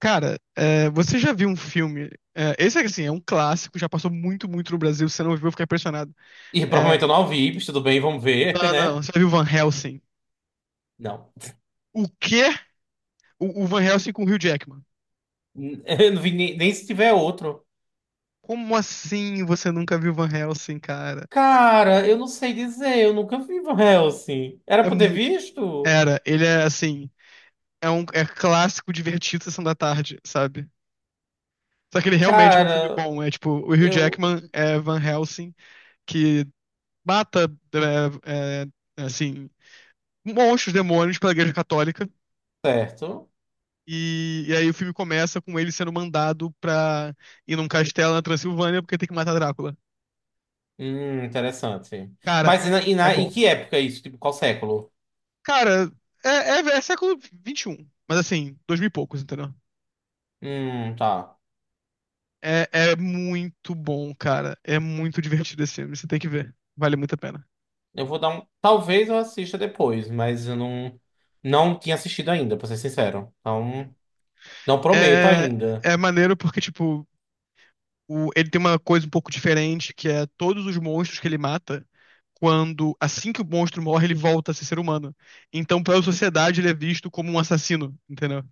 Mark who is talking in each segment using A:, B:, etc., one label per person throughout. A: Cara, você já viu um filme? Esse é assim, é um clássico, já passou muito, muito no Brasil. Se você não viu, eu fiquei impressionado.
B: E
A: É,
B: provavelmente eu não vi, mas tudo bem, vamos ver,
A: não, não, não,
B: né?
A: você já viu Van Helsing?
B: Não.
A: O quê? O Van Helsing com o Hugh Jackman.
B: Eu não vi nem se tiver outro.
A: Como assim você nunca viu Van Helsing, cara?
B: Cara, eu não sei dizer, eu nunca vi Van Helsing. Era
A: É,
B: pra eu ter
A: mu-
B: visto?
A: era, ele é assim, é um clássico divertido Sessão da Tarde, sabe? Só que ele realmente é um filme
B: Cara,
A: bom. É tipo, o Hugh
B: eu.
A: Jackman é Van Helsing que mata, é, é, assim, monstros, demônios pela Igreja Católica.
B: Certo.
A: E aí o filme começa com ele sendo mandado pra ir num castelo na Transilvânia porque tem que matar Drácula.
B: Interessante.
A: Cara,
B: Mas
A: é
B: em
A: bom.
B: que época é isso? Tipo, qual século?
A: Cara, é século XXI, mas assim, dois mil e poucos, entendeu?
B: Tá.
A: É muito bom, cara. É muito divertido esse filme, você tem que ver. Vale muito a pena.
B: Eu vou dar um. Talvez eu assista depois, mas eu não. Não tinha assistido ainda, pra ser sincero. Então, não prometo
A: É,
B: ainda.
A: é maneiro porque, tipo, ele tem uma coisa um pouco diferente, que é todos os monstros que ele mata, quando assim que o monstro morre, ele volta a ser ser humano. Então, pela sociedade, ele é visto como um assassino, entendeu?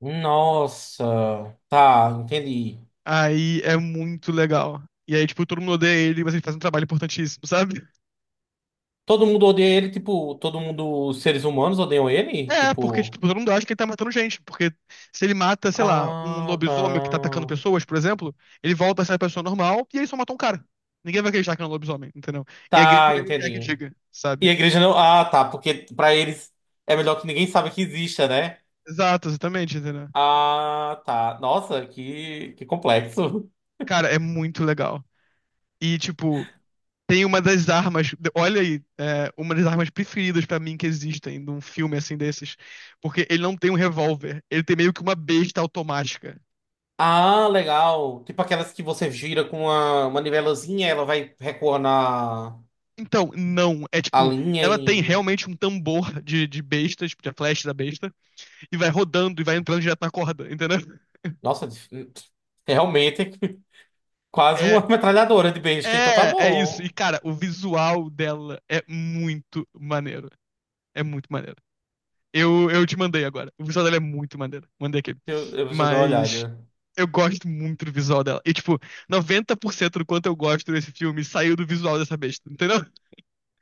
B: Nossa. Tá, entendi.
A: Aí é muito legal. E aí, tipo, todo mundo odeia ele, mas ele faz um trabalho importantíssimo, sabe?
B: Todo mundo odeia ele, tipo, todo mundo, os seres humanos odeiam ele?
A: É, porque, tipo,
B: Tipo,
A: todo mundo acha que ele tá matando gente. Porque se ele mata, sei lá, um
B: ah,
A: lobisomem que tá
B: tá.
A: atacando pessoas, por exemplo, ele volta a ser a pessoa normal e ele só matou um cara. Ninguém vai acreditar que é um lobisomem, entendeu? E a igreja
B: Tá,
A: também não quer que
B: entendi.
A: diga,
B: E a
A: sabe?
B: igreja não. Ah, tá, porque pra eles é melhor que ninguém saiba que exista, né?
A: Exato, exatamente, entendeu?
B: Ah, tá. Nossa, que complexo.
A: Cara, é muito legal. E, tipo, tem uma das armas. Olha aí, uma das armas preferidas pra mim que existem num filme assim desses. Porque ele não tem um revólver. Ele tem meio que uma besta automática.
B: Ah, legal. Tipo aquelas que você gira com uma manivelazinha, ela vai recuar na
A: Então, não. É
B: a
A: tipo,
B: linha
A: ela tem
B: e.
A: realmente um tambor de besta, tipo, de flecha da besta, e vai rodando e vai entrando direto na corda, entendeu?
B: Nossa, é realmente quase
A: É,
B: uma metralhadora de besta, então tá
A: é isso. E,
B: bom.
A: cara, o visual dela é muito maneiro. É muito maneiro. Eu te mandei agora. O visual dela é muito maneiro. Mandei aquele.
B: Eu vou dar uma
A: Mas
B: olhada.
A: eu gosto muito do visual dela. E, tipo, 90% do quanto eu gosto desse filme saiu do visual dessa besta, entendeu?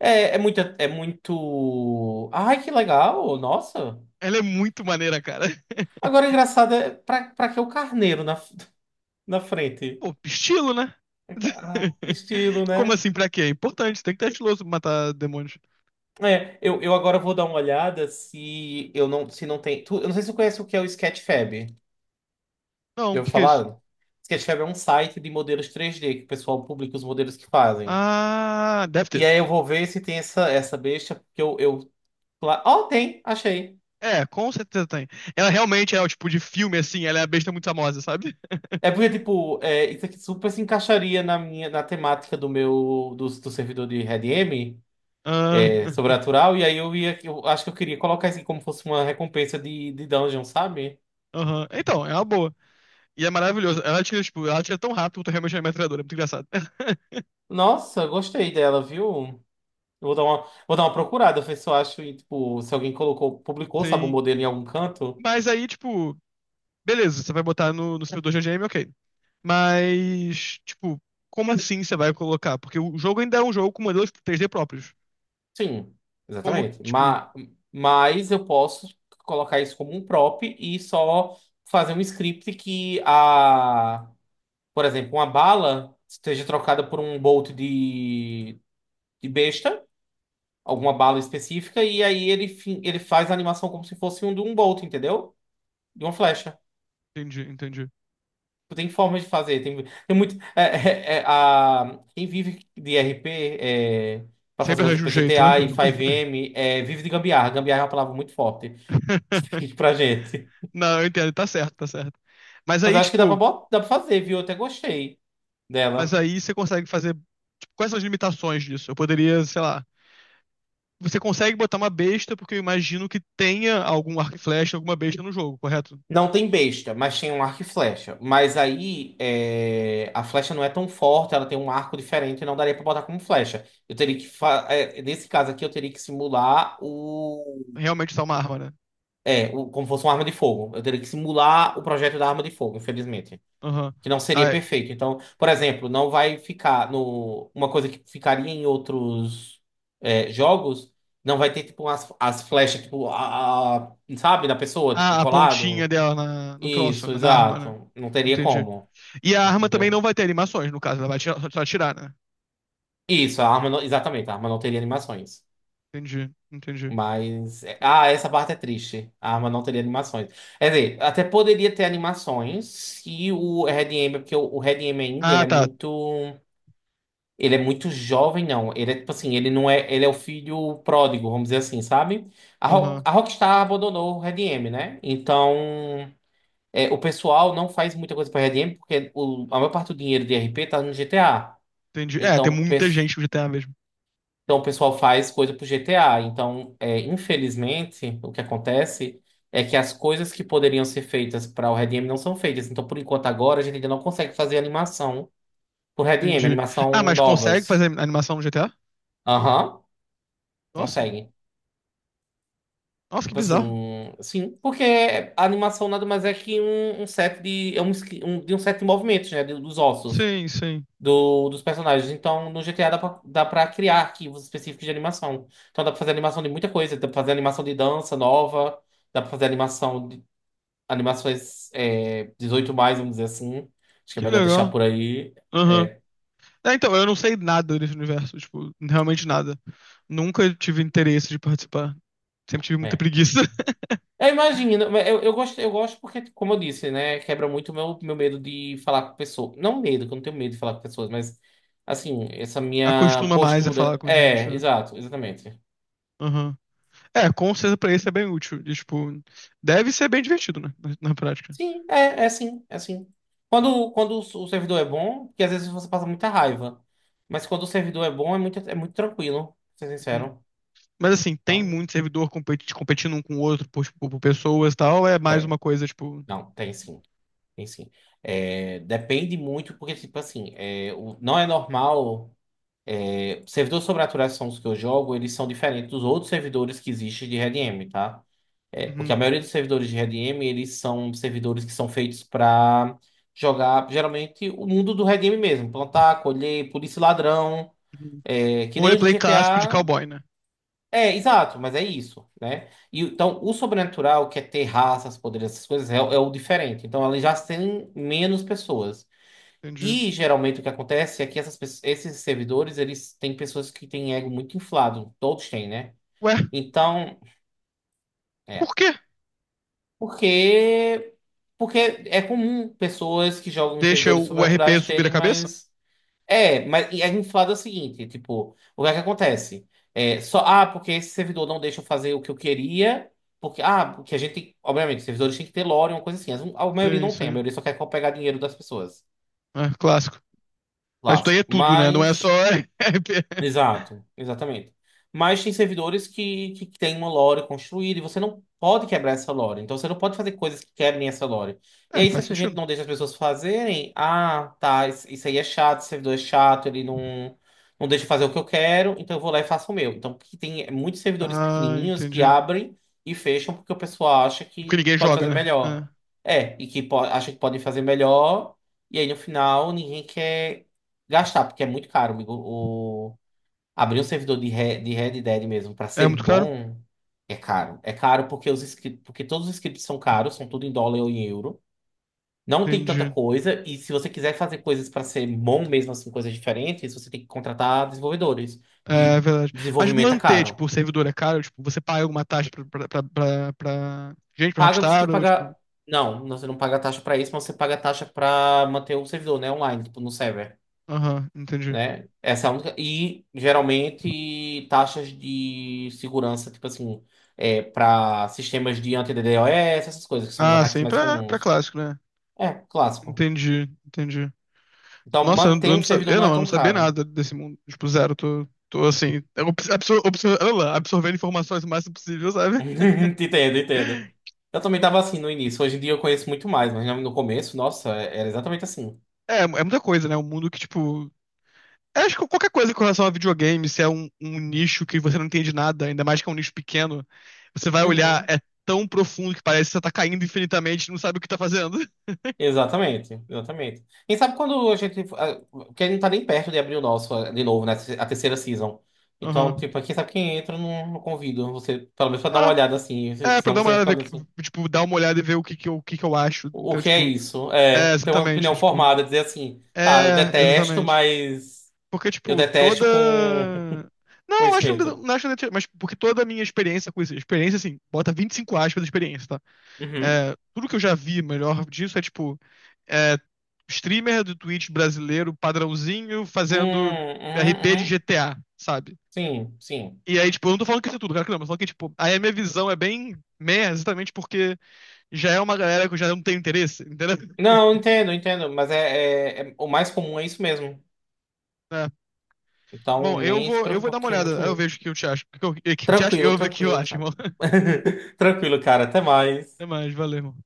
B: É muito, é muito. Ai, que legal! Nossa!
A: Ela é muito maneira, cara.
B: Agora, engraçado, é pra que o carneiro na, na frente?
A: Pô, estilo, né?
B: Ah, estilo,
A: Como
B: né?
A: assim, pra quê? É importante, tem que ter estiloso pra matar demônios.
B: É, eu agora vou dar uma olhada se eu não, se não tem. Eu não sei se você conhece o que é o Sketchfab.
A: Não,
B: Já
A: o
B: ouviu
A: que que é isso?
B: falar? Sketchfab é um site de modelos 3D que o pessoal publica os modelos que fazem.
A: Ah, deve
B: E
A: ter.
B: aí eu vou ver se tem essa besta, porque eu... Oh, tem! Achei!
A: É, com certeza tem. Ela realmente é o tipo de filme, assim, ela é a besta muito famosa, sabe?
B: É porque, tipo, é, isso aqui super se encaixaria na minha, na temática do meu, do servidor de RedM,
A: Ah,
B: é, sobrenatural, e aí eu ia, eu acho que eu queria colocar isso aqui como fosse uma recompensa de dungeon, sabe?
A: aham. Então, é uma boa. E é maravilhoso. Ela tira, tipo, ela tira tão rápido quanto realmente é metralhadora. É muito engraçado.
B: Nossa, gostei dela, viu? Eu vou dar uma, vou dar uma procurada, ver se eu acho, e, tipo, se alguém colocou, publicou, sabe, o
A: Sim.
B: modelo em algum canto.
A: Mas aí, tipo, beleza, você vai botar no seu 2 GGM, ok. Mas, tipo, como assim você vai colocar? Porque o jogo ainda é um jogo com modelos 3D próprios.
B: Sim,
A: Como,
B: exatamente.
A: tipo,
B: Mas eu posso colocar isso como um prop e só fazer um script que a por exemplo, uma bala seja trocada por um bolt de besta, alguma bala específica, e aí ele faz a animação como se fosse um de um bolt, entendeu? De uma flecha.
A: entendi, entendi.
B: Tem formas de fazer, tem muito. Quem vive de RP, é, para fazer
A: Sempre
B: coisa
A: arranja um
B: para
A: jeito, né?
B: GTA e 5M, vive de gambiarra. Gambiarra é uma palavra muito forte pra gente.
A: Não, eu entendo, tá certo, tá certo. Mas
B: Mas
A: aí,
B: acho que dá pra,
A: tipo,
B: bot- dá pra fazer, viu? Eu até gostei
A: mas
B: dela.
A: aí você consegue fazer, tipo, quais são as limitações disso? Eu poderia, sei lá. Você consegue botar uma besta, porque eu imagino que tenha algum arco e flecha, alguma besta no jogo, correto?
B: Não tem besta, mas tem um arco e flecha. Mas aí é, a flecha não é tão forte, ela tem um arco diferente, não daria pra botar como flecha. Eu teria que fa- é, Nesse caso aqui eu teria que simular o
A: Realmente só uma arma, né?
B: como fosse uma arma de fogo. Eu teria que simular o projeto da arma de fogo, infelizmente,
A: Aham.
B: que não seria
A: Ah, é.
B: perfeito. Então, por exemplo, não vai ficar no uma coisa que ficaria em outros jogos, não vai ter tipo as flechas tipo sabe, da pessoa, tipo
A: Ah, a pontinha
B: colado.
A: dela no troço,
B: Isso,
A: na arma, né?
B: exato. Não teria
A: Entendi.
B: como,
A: E a arma também não
B: entendeu?
A: vai ter animações, no caso, ela vai só atirar, né?
B: Isso, a arma não, exatamente, a arma não teria animações.
A: Entendi, entendi.
B: Mas, essa parte é triste. A arma não teria animações. Quer dizer, até poderia ter animações se o Red M porque o Red M ainda,
A: Ah, tá.
B: ele é muito jovem, não. Ele é tipo assim, ele não é, ele é o filho pródigo, vamos dizer assim, sabe? A, Ro-
A: Aham,
B: a Rockstar abandonou o Red M, né? Então, o pessoal não faz muita coisa para Red M porque a maior parte do dinheiro de RP tá no GTA.
A: entendi. É, tem
B: Então,
A: muita
B: pes-
A: gente no GTA mesmo.
B: então o pessoal faz coisa pro GTA. Então, infelizmente, o que acontece é que as coisas que poderiam ser feitas para o Red Em não são feitas. Então, por enquanto, agora a gente ainda não consegue fazer animação pro Red Em,
A: Entendi. Ah,
B: animação
A: mas consegue
B: novas.
A: fazer animação no GTA?
B: Aham,
A: Nossa,
B: consegue.
A: nossa, que
B: Tipo
A: bizarro.
B: assim, sim, porque a animação nada mais é que um set de, de um set de movimentos, né? Dos ossos.
A: Sim, sim.
B: dos personagens. Então, no GTA dá pra criar arquivos específicos de animação. Então, dá pra fazer animação de muita coisa. Dá pra fazer animação de dança nova, dá pra fazer animação de animações 18 mais, vamos dizer assim. Acho que é
A: Que
B: melhor deixar
A: legal.
B: por aí.
A: Aham.
B: É,
A: É, então, eu não sei nada desse universo, tipo, realmente nada. Nunca tive interesse de participar. Sempre tive muita
B: é.
A: preguiça.
B: Eu imagino, mas eu gosto, eu gosto porque, como eu disse, né, quebra muito o meu medo de falar com pessoas. Não medo, que eu não tenho medo de falar com pessoas, mas, assim, essa minha
A: Acostuma mais a falar
B: postura.
A: com gente,
B: É,
A: né?
B: exato, exatamente.
A: Aham. É, com certeza pra isso é bem útil. E, tipo, deve ser bem divertido, né? Na prática.
B: Sim, é sim, é sim. Quando o servidor é bom, porque às vezes você passa muita raiva. Mas quando o servidor é bom, é muito tranquilo, pra ser
A: Uhum.
B: sincero,
A: Mas assim, tem
B: sabe?
A: muito servidor competindo um com o outro por, tipo, por pessoas e tal. É mais
B: Tem.
A: uma coisa, tipo.
B: Não, tem sim. Tem sim. É, depende muito, porque, tipo assim, não é normal. Servidores sobre atualizações que eu jogo, eles são diferentes dos outros servidores que existem de RedM, tá? É, porque a
A: Uhum,
B: maioria dos servidores de RedM, eles são servidores que são feitos para jogar, geralmente, o mundo do RedM mesmo. Plantar, colher, polícia e ladrão,
A: uhum.
B: que
A: O
B: nem os do
A: roleplay clássico de
B: GTA.
A: cowboy, né?
B: É, exato, mas é isso, né? E, então, o sobrenatural, que é ter raças, poderes, essas coisas, é o diferente. Então, ela já tem menos pessoas.
A: Entendi.
B: E geralmente o que acontece é que esses servidores, eles têm pessoas que têm ego muito inflado. Todos têm, né?
A: Ué,
B: Então,
A: por
B: é.
A: quê?
B: Porque, porque é comum pessoas que jogam em
A: Deixa
B: servidores
A: o R p
B: sobrenaturais
A: subir a
B: terem
A: cabeça?
B: mais. É, mas e é inflado é o seguinte, tipo, o que é que acontece? É, só, ah, porque esse servidor não deixa eu fazer o que eu queria, porque, ah, porque a gente tem, obviamente, servidores têm que ter lore, uma coisa assim, A maioria
A: Sim,
B: não tem, a
A: sim.
B: maioria só quer pegar dinheiro das pessoas,
A: É, clássico. Mas isso daí é
B: clássico,
A: tudo, né? Não é só.
B: mas...
A: R P.
B: Exato, exatamente. Mas tem servidores que têm uma lore construída e você não pode quebrar essa lore. Então você não pode fazer coisas que quebrem essa lore. E
A: É,
B: aí, se
A: faz
B: a gente
A: sentido.
B: não deixa as pessoas fazerem, ah, tá, isso aí é chato, esse servidor é chato, ele não deixa eu fazer o que eu quero, então eu vou lá e faço o meu. Então que tem muitos servidores
A: Ah,
B: pequenininhos que
A: entendi.
B: abrem e fecham porque o pessoal acha
A: Porque
B: que
A: ninguém
B: pode
A: joga,
B: fazer
A: né?
B: melhor. É, e acha que podem fazer melhor, e aí no final ninguém quer gastar, porque é muito caro, amigo. Abrir um servidor de Red Dead mesmo pra
A: É
B: ser
A: muito caro?
B: bom é caro. É caro porque os scripts, porque todos os scripts são caros, são tudo em dólar ou em euro. Não tem tanta
A: Entendi.
B: coisa, e se você quiser fazer coisas pra ser bom mesmo assim, coisas diferentes, você tem que contratar desenvolvedores.
A: É
B: E
A: verdade. Mas
B: desenvolvimento é
A: manter,
B: caro.
A: tipo, o servidor é caro? Tipo, você paga alguma taxa pra gente, pra
B: Paga, você tem
A: Rockstar?
B: que
A: Ou, tipo.
B: pagar. Não, você não paga taxa pra isso, mas você paga taxa pra manter o servidor, né, online, tipo, no server.
A: Aham, entendi.
B: Né? Essa é a única. E geralmente taxas de segurança, tipo assim, para sistemas de anti-DDoS, essas coisas, que são os
A: Ah,
B: ataques
A: sim,
B: mais
A: pra
B: comuns.
A: clássico, né?
B: É, clássico.
A: Entendi, entendi.
B: Então,
A: Nossa,
B: manter um servidor não é
A: eu não
B: tão
A: sabia
B: caro.
A: nada desse mundo. Tipo, zero, tô assim, olha lá, absorvendo informações o máximo possível, sabe?
B: Entendo, entendo. Eu também tava assim no início. Hoje em dia eu conheço muito mais, mas no começo, nossa, era exatamente assim.
A: É muita coisa, né? Um mundo que, tipo, eu acho que qualquer coisa com relação a videogame, se é um nicho que você não entende nada, ainda mais que é um nicho pequeno, você vai olhar,
B: Uhum.
A: é tão profundo que parece que você tá caindo infinitamente e não sabe o que tá fazendo.
B: Exatamente, exatamente. E sabe quando a gente. Porque a gente não tá nem perto de abrir o nosso de novo, né? A terceira season. Então,
A: Aham.
B: tipo, quem sabe quem entra, eu não convido você, pelo menos pra dar uma
A: Ah,
B: olhada assim.
A: é, pra
B: Senão
A: dar uma
B: você vai
A: olhada,
B: ficar
A: ver,
B: olhando assim.
A: tipo, dar uma olhada e ver o que que eu acho.
B: O
A: Então,
B: que é
A: tipo,
B: isso?
A: é,
B: É, ter uma opinião
A: exatamente, tipo,
B: formada, dizer assim, tá, eu
A: é,
B: detesto,
A: exatamente.
B: mas
A: Porque,
B: eu
A: tipo, toda...
B: detesto com
A: Não, acho que não,
B: conhecimento.
A: não acho que mas porque toda a minha experiência com isso, experiência, assim, bota 25 aspas de experiência, tá?
B: Uhum.
A: É, tudo que eu já vi melhor disso é, tipo, é, streamer do Twitch brasileiro, padrãozinho, fazendo
B: Uhum,
A: RP de
B: uhum.
A: GTA, sabe?
B: Sim, sim.
A: E aí, tipo, eu não tô falando que isso é tudo, cara, que não, mas eu tô falando que, tipo, aí a minha visão é bem meia, exatamente porque já é uma galera que eu já não tenho interesse, entendeu?
B: Não, entendo, entendo, mas o mais comum é isso mesmo.
A: É.
B: Então,
A: Bom, eu
B: nem se
A: vou, eu vou
B: preocupa,
A: dar uma
B: porque é muito
A: olhada, aí eu
B: comum.
A: vejo o que eu te acho. O que eu te acho? Eu
B: Tranquilo,
A: vou ver o que eu
B: tranquilo,
A: acho,
B: cara.
A: irmão.
B: Tranquilo, cara. Até mais.
A: Até mais, valeu, irmão.